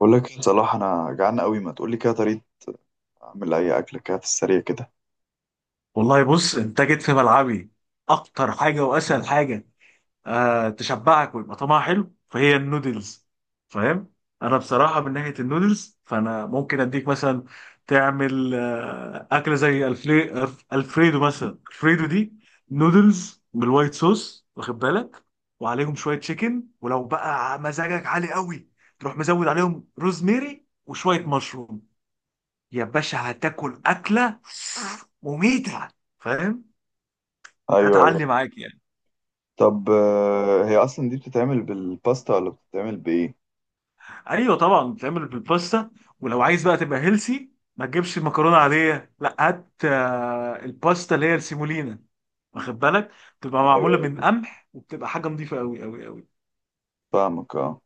بقول لك إيه، صلاح، انا جعان قوي، ما تقول لي كده طريقه اعمل اي اكله كده في السريع كده. والله بص، انت جيت في ملعبي. اكتر حاجه واسهل حاجه تشبعك ويبقى طعمها حلو فهي النودلز، فاهم؟ انا بصراحه من ناحيه النودلز فانا ممكن اديك مثلا تعمل اكله زي الفريدو، مثلا الفريدو دي نودلز بالوايت صوص، واخد بالك؟ وعليهم شويه تشيكن، ولو بقى مزاجك عالي قوي تروح مزود عليهم روزميري وشويه مشروم، يا باشا هتاكل اكله مميته، فاهم؟ ايوه، ايوه. هتعلي معاك يعني. طب، هي اصلا دي بتتعمل بالباستا ولا بتتعمل بايه؟ ايوه طبعا بتعمل بالباستا. ولو عايز بقى تبقى هيلسي ما تجيبش مكرونه عاديه، لا هات الباستا اللي هي السيمولينا، واخد بالك؟ بتبقى ايوه، معموله من أيوة. قمح، وبتبقى حاجه نظيفه قوي قوي قوي. فاهمك، اه.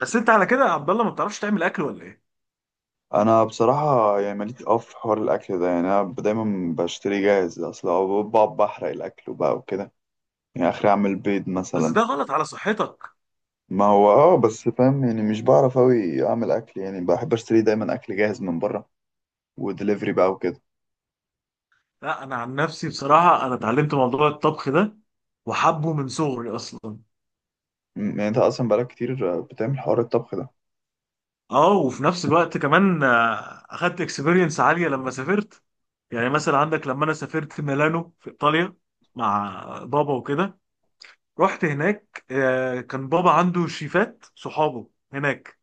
بس انت على كده يا عبد الله ما بتعرفش تعمل اكل ولا ايه؟ انا بصراحه يعني ماليش في حوار الاكل ده، يعني انا دايما بشتري جاهز اصلا، أو بقعد بحرق الاكل وبقى وكده. يعني اخري اعمل بيض بس مثلا. ده غلط على صحتك. ما هو اه، بس فاهم، يعني مش بعرف اوي اعمل اكل، يعني بحب اشتري دايما اكل جاهز من بره ودليفري بقى وكده. لا انا عن نفسي بصراحه انا اتعلمت موضوع الطبخ ده وحبه من صغري اصلا. يعني انت اصلا بقالك كتير، بتعمل حوار الطبخ ده. اه، وفي نفس الوقت كمان اخدت اكسبيرينس عاليه لما سافرت. يعني مثلا عندك لما انا سافرت ميلانو في ايطاليا مع بابا وكده، رحت هناك كان بابا عنده شيفات صحابه هناك.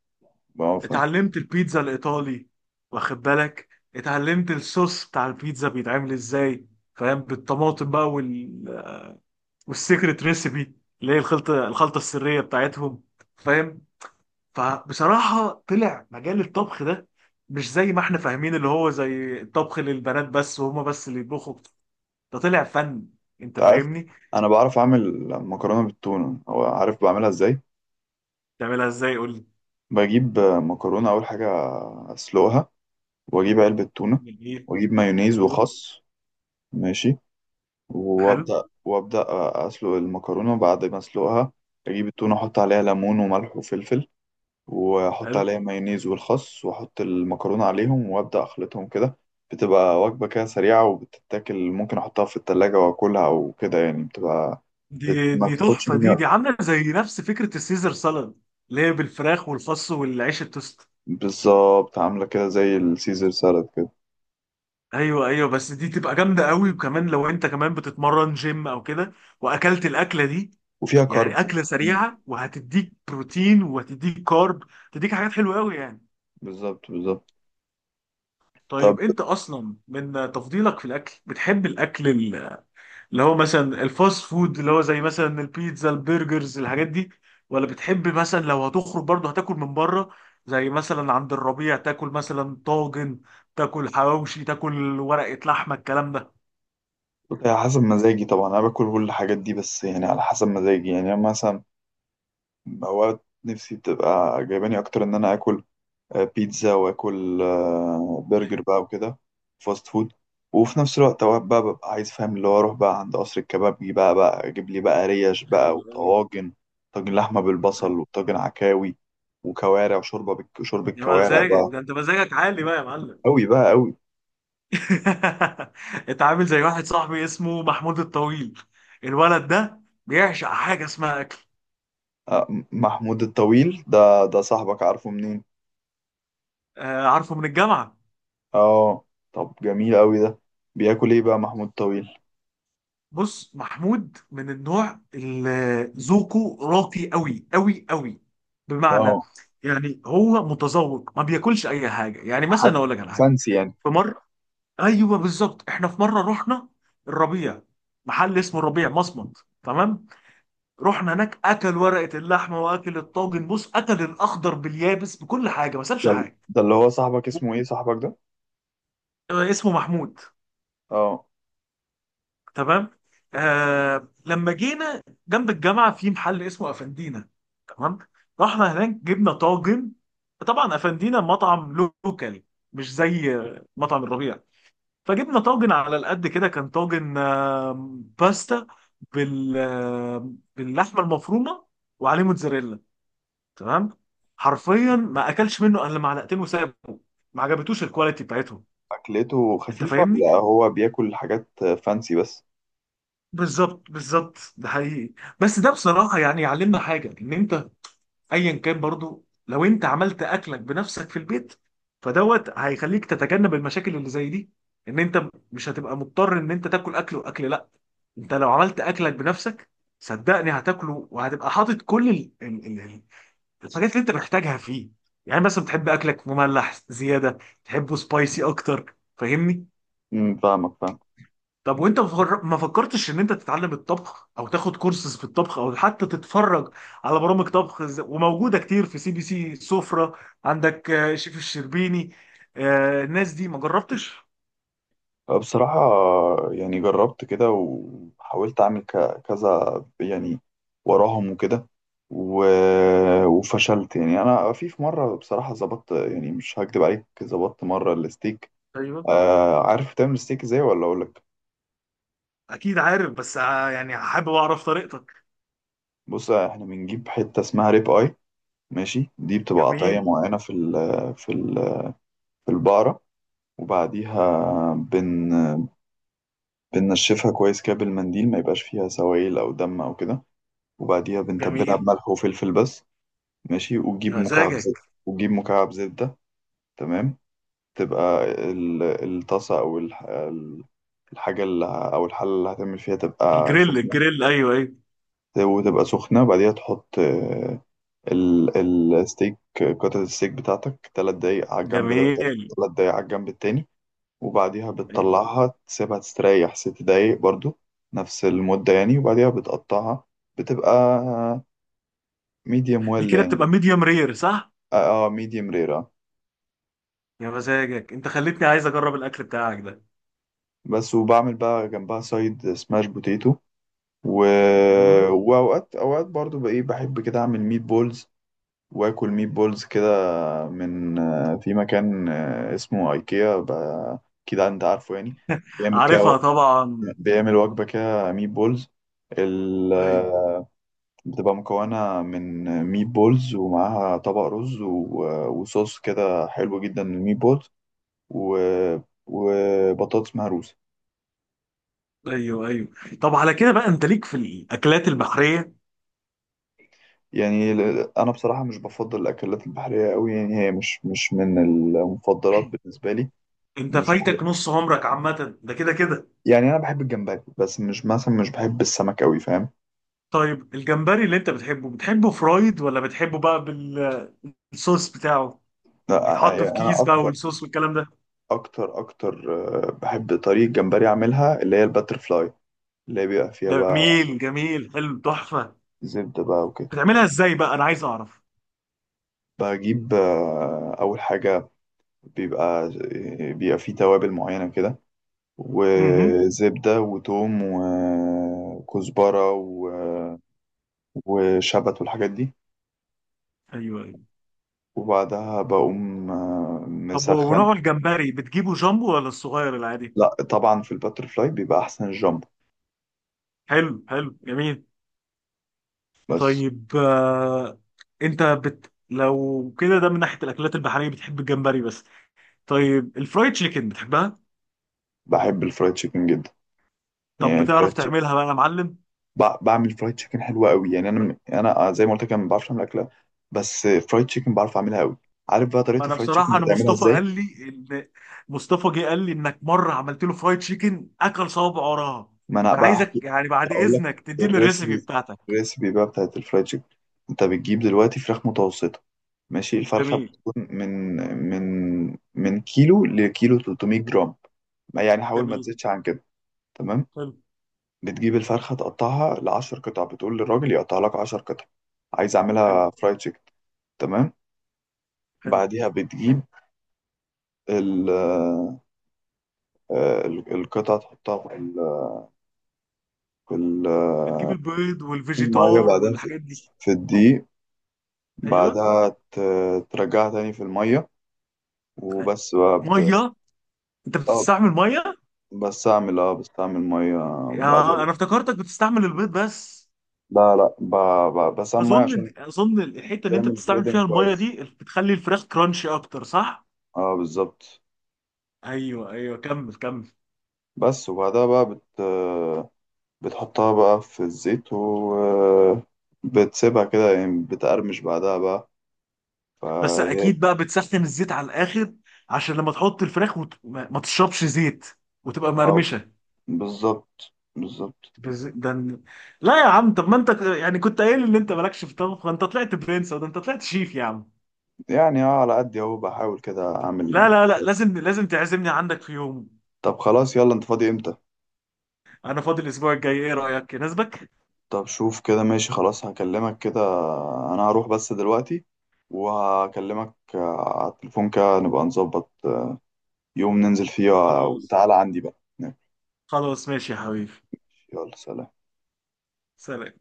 ما هو فاهم. اتعلمت البيتزا الايطالي، واخد بالك؟ اتعلمت الصوص بتاع البيتزا بيتعمل ازاي، فاهم؟ بالطماطم بقى والسيكريت ريسيبي اللي هي الخلطه السريه بتاعتهم، فاهم؟ فبصراحة طلع مجال الطبخ ده مش زي ما احنا فاهمين اللي هو زي الطبخ للبنات بس، وهما بس اللي يطبخوا. ده طلع فن، انت انت عارف، فاهمني. انا بعرف اعمل مكرونه بالتونه، او عارف بعملها ازاي. تعملها ازاي؟ قول لي. بجيب مكرونه اول حاجه، اسلقها، واجيب علبه تونه، جميل. واجيب مايونيز ايوه. وخس. ماشي. حلو. وابدا اسلق المكرونه. بعد ما اسلقها اجيب التونه، احط عليها ليمون وملح وفلفل، واحط حلو. عليها مايونيز والخس، واحط المكرونه عليهم وابدا اخلطهم كده. بتبقى وجبه كده سريعه وبتتاكل، ممكن احطها في التلاجة واكلها، او كده يعني بتبقى. دي ما دي بتاخدش تحفة. مني. دي عاملة زي نفس فكرة السيزر سالاد، اللي هي بالفراخ والخس والعيش التوست. بالظبط، عاملة كده زي السيزر سالاد كده. ايوه ايوه، بس دي تبقى جامدة قوي، وكمان لو انت كمان بتتمرن جيم او كده واكلت الاكلة دي، وفيها كارب يعني اكله وبروتين. سريعه، وهتديك بروتين وهتديك كارب، هتديك حاجات حلوه قوي يعني. بالظبط، بالظبط. طب، طيب، انت اصلا من تفضيلك في الاكل بتحب الاكل اللي هو مثلا الفاست فود، اللي هو زي مثلا البيتزا، البرجرز، الحاجات دي؟ ولا بتحب مثلا لو هتخرج برضه هتاكل من بره، زي مثلا عند الربيع، تاكل مثلا طاجن، تاكل حواوشي، تاكل ورقه لحمه، الكلام ده؟ على حسب مزاجي طبعا، أنا باكل كل الحاجات دي، بس يعني على حسب مزاجي، يعني أنا مثلا أوقات نفسي بتبقى جايباني أكتر إن أنا آكل بيتزا، وآكل برجر ايوه بقى وكده، فاست فود. وفي نفس الوقت أوقات بقى ببقى عايز، فاهم، اللي هو أروح بقى عند قصر الكبابجي بقى أجيب لي بقى ريش بقى ايوه. ايوه وطواجن. طاجن لحمة بالبصل، ايوه. وطاجن عكاوي، وكوارع، شوربة يا كوارع مزاجك، بقى. ده انت مزاجك عالي بقى يا معلم. أوي بقى أوي. انت عامل زي واحد صاحبي، اسمه محمود الطويل. الولد ده بيعشق حاجه اسمها اكل. محمود الطويل ده صاحبك، عارفه منين؟ آه، عارفه من الجامعه. اه. طب جميل أوي ده. بياكل ايه بقى محمود الطويل بص، محمود من النوع اللي ذوقه راقي قوي قوي قوي، ده؟ بمعنى، اه. يعني هو متذوق ما بياكلش اي حاجه. يعني حاجة مثلا اقول لك على حاجه، فانسي يعني. في مره، ايوه بالظبط، احنا في مره رحنا الربيع، محل اسمه الربيع مصمت، تمام؟ رحنا هناك، اكل ورقه اللحمه، واكل الطاجن، بص اكل الاخضر باليابس، بكل حاجه، ما سابش حاجه. ده اللي هو صاحبك، اسمه ايه صاحبك ده؟ آه، اسمه محمود، اه. تمام؟ آه، لما جينا جنب الجامعه في محل اسمه افندينا، تمام؟ رحنا هناك، جبنا طاجن. طبعا افندينا مطعم لوكالي، مش زي مطعم الربيع. فجبنا طاجن على القد كده، كان طاجن باستا باللحمه المفرومه، وعليه موتزاريلا، تمام؟ حرفيا ما اكلش منه الا معلقتين وسابه، ما عجبتوش الكواليتي بتاعتهم. أكلته انت خفيفة فاهمني؟ ولا هو بياكل حاجات فانسي بس؟ بالظبط بالظبط، ده حقيقي. بس ده بصراحه يعني يعلمنا حاجه، ان انت ايا كان، برضو لو انت عملت اكلك بنفسك في البيت، فدوت هيخليك تتجنب المشاكل اللي زي دي، ان انت مش هتبقى مضطر ان انت تاكل اكل واكل. لا، انت لو عملت اكلك بنفسك صدقني هتاكله، وهتبقى حاطط كل الحاجات اللي انت محتاجها فيه. يعني مثلا بتحب اكلك مملح زياده، تحبه سبايسي اكتر، فاهمني؟ فاهمك، فاهم. طب وانت ما فكرتش ان انت تتعلم الطبخ، او تاخد كورسز في الطبخ، او حتى تتفرج على برامج طبخ، وموجوده كتير في سي بي سي سفرة، عندك شيف الشربيني، الناس دي ما جربتش؟ بصراحة، يعني جربت كده وحاولت أعمل كذا يعني، وراهم وكده، و... وفشلت. يعني أنا في مرة، بصراحة ظبطت، يعني مش هكدب عليك، ظبطت مرة الستيك. ايوه. آه، عارف تعمل ستيك إزاي ولا أقولك؟ اكيد عارف، بس يعني حابب اعرف طريقتك. بص، إحنا بنجيب حتة اسمها ريب آي. ماشي، دي بتبقى قطعية جميل. معينة في في ال... في البقرة. وبعديها بن... بننشفها كويس كده بالمنديل، ما يبقاش فيها سوائل أو دم أو كده. وبعديها بنتبلها جميل. بملح وفلفل بس. ماشي، يا وتجيب مكعب زبدة. مزاجك. وتجيب مكعب زبدة، تمام. تبقى الطاسة، أو الحاجة اللي أو الحلة اللي هتعمل فيها تبقى الجريل سخنة. الجريل، ايوه ايوه. وتبقى سخنة. بعديها تحط ال- الستيك، قطعة الستيك بتاعتك تلات دقايق على الجنب ده. جميل. تلات دقايق على الجنب التاني. وبعديها أيوة. بتطلعها تسيبها تستريح ست دقايق برضو، نفس المدة يعني. وبعديها بتقطعها. بتبقى ميديوم دي ويل كده يعني. بتبقى ميديوم رير، صح؟ اه، ميديوم رير، medium rare. يا مزاجك، انت خليتني عايز اجرب الاكل بتاعك ده. بس. وبعمل بقى جنبها سايد سماش بوتيتو. و... مم. واوقات برضو بقى ايه، بحب كده اعمل ميت بولز، واكل ميت بولز كده، من في مكان اسمه ايكيا اكيد انت عارفه يعني. بيعمل كده، عارفها طبعا. بيعمل وجبة كده ميت بولز، ال... ايوه آه، بتبقى مكونة من ميت بولز، ومعاها طبق رز، و... وصوص كده حلو جدا للميت بولز، و... وبطاطس مهروسة. ايوه. ايوه. طب على كده بقى، انت ليك في الاكلات البحريه؟ يعني انا بصراحه مش بفضل الاكلات البحريه قوي، يعني هي مش من المفضلات بالنسبه لي. انت مش، فايتك نص عمرك عامه، ده كده كده. يعني انا بحب الجمبري بس، مش مثلا مش بحب السمك قوي، فاهم. طيب، الجمبري اللي انت بتحبه، بتحبه فرايد، ولا بتحبه بقى بالصوص بتاعه، لا، ويتحط يعني في انا كيس بقى، اكتر والصوص والكلام ده؟ اكتر اكتر بحب طريقه جمبري اعملها، اللي هي الباتر فلاي، اللي هي بيبقى فيها بقى جميل جميل، حلو، تحفه. زبده بقى وكده. بتعملها ازاي بقى؟ انا عايز اعرف. بجيب اول حاجه، بيبقى فيه توابل معينه كده، امم. وزبده وتوم وكزبره و وشبت والحاجات دي. ايوه ايوه. وبعدها بقوم طب مسخن. ونوع الجمبري بتجيبه جامبو، ولا الصغير العادي؟ لا طبعا، في الباتر فلاي بيبقى احسن الجامبو. حلو حلو، جميل. بس. طيب انت لو كده ده من ناحيه الاكلات البحريه بتحب الجمبري بس. طيب الفرايد تشيكن بتحبها؟ بحب الفرايد تشيكن جدا. طب يعني بتعرف الفرايد تشيكن، تعملها بقى يا معلم؟ بعمل فرايد تشيكن حلوه قوي، يعني انا زي ما قلت لك أنا ما بعرفش اعمل اكله، بس فرايد تشيكن بعرف اعملها قوي. عارف بقى ما طريقه انا الفرايد تشيكن بصراحه، انا بتعملها مصطفى ازاي؟ قال لي ان، مصطفى جه قال لي انك مره عملت له فرايد تشيكن، اكل صوابع وراها. ما انا فانا بقى عايزك احكي. يعني بعد اقول لك. اذنك تديني الريسيبي الريسبي بتاعتك. الريسبي بقى بتاعت الفرايد تشيكن. انت بتجيب دلوقتي فراخ متوسطه. ماشي، الفرخه جميل. بتكون من من من كيلو لكيلو 300 جرام. ما يعني حاول ما جميل. تزيدش عن كده. تمام. حلو. بتجيب الفرخه تقطعها ل 10 قطع، بتقول للراجل يقطع لك 10 قطع، عايز حلو. اعملها فرايد تشيكن. تمام. حلو. بعديها بتجيب ال آه، القطع، تحطها في في ال- بتجيب البيض الميه، والفيجيتار بعدها والحاجات دي؟ في الدقيق. ايوه. بعدها ترجعها تاني في المية طيب. وبس بقى ب... ميه؟ انت اه بتستعمل ميه؟ اه، بس اعمل مية يا بعدين. انا افتكرتك بتستعمل البيض بس. لا لا، ب... ب... بس اعمل مية اظن عشان اظن الحته اللي انت تعمل بتستعمل فيها بريدنج الميه كويس. دي بتخلي الفراخ كرانشي اكتر، صح؟ اه بالظبط. ايوه ايوه، كمل كمل. بس. وبعدها بقى بت... بتحطها بقى في الزيت، و بتسيبها كده يعني بتقرمش بعدها بقى، بس فهي. اكيد بقى بتسخن الزيت على الاخر، عشان لما تحط الفراخ ما تشربش زيت، وتبقى اه، مقرمشه. بالظبط بالظبط. بز... ده ن- لا يا عم، طب ما انت يعني كنت قايل ان انت مالكش في الطبخ ده، انت طلعت برنس، ده انت طلعت شيف يا عم. يعني اه على قد اهو، بحاول كده اعمل لا لا لا، شوية. لازم لازم تعزمني عندك في يوم. طب خلاص، يلا انت فاضي امتى؟ انا فاضي الاسبوع الجاي، ايه رايك؟ يناسبك؟ طب شوف كده، ماشي، خلاص هكلمك كده. انا هروح بس دلوقتي، وهكلمك على التليفون كده، نبقى نظبط يوم ننزل فيه، خلاص. وتعالى عندي بقى. خلاص ماشي يا حبيبي. يلا، سلام. سلام.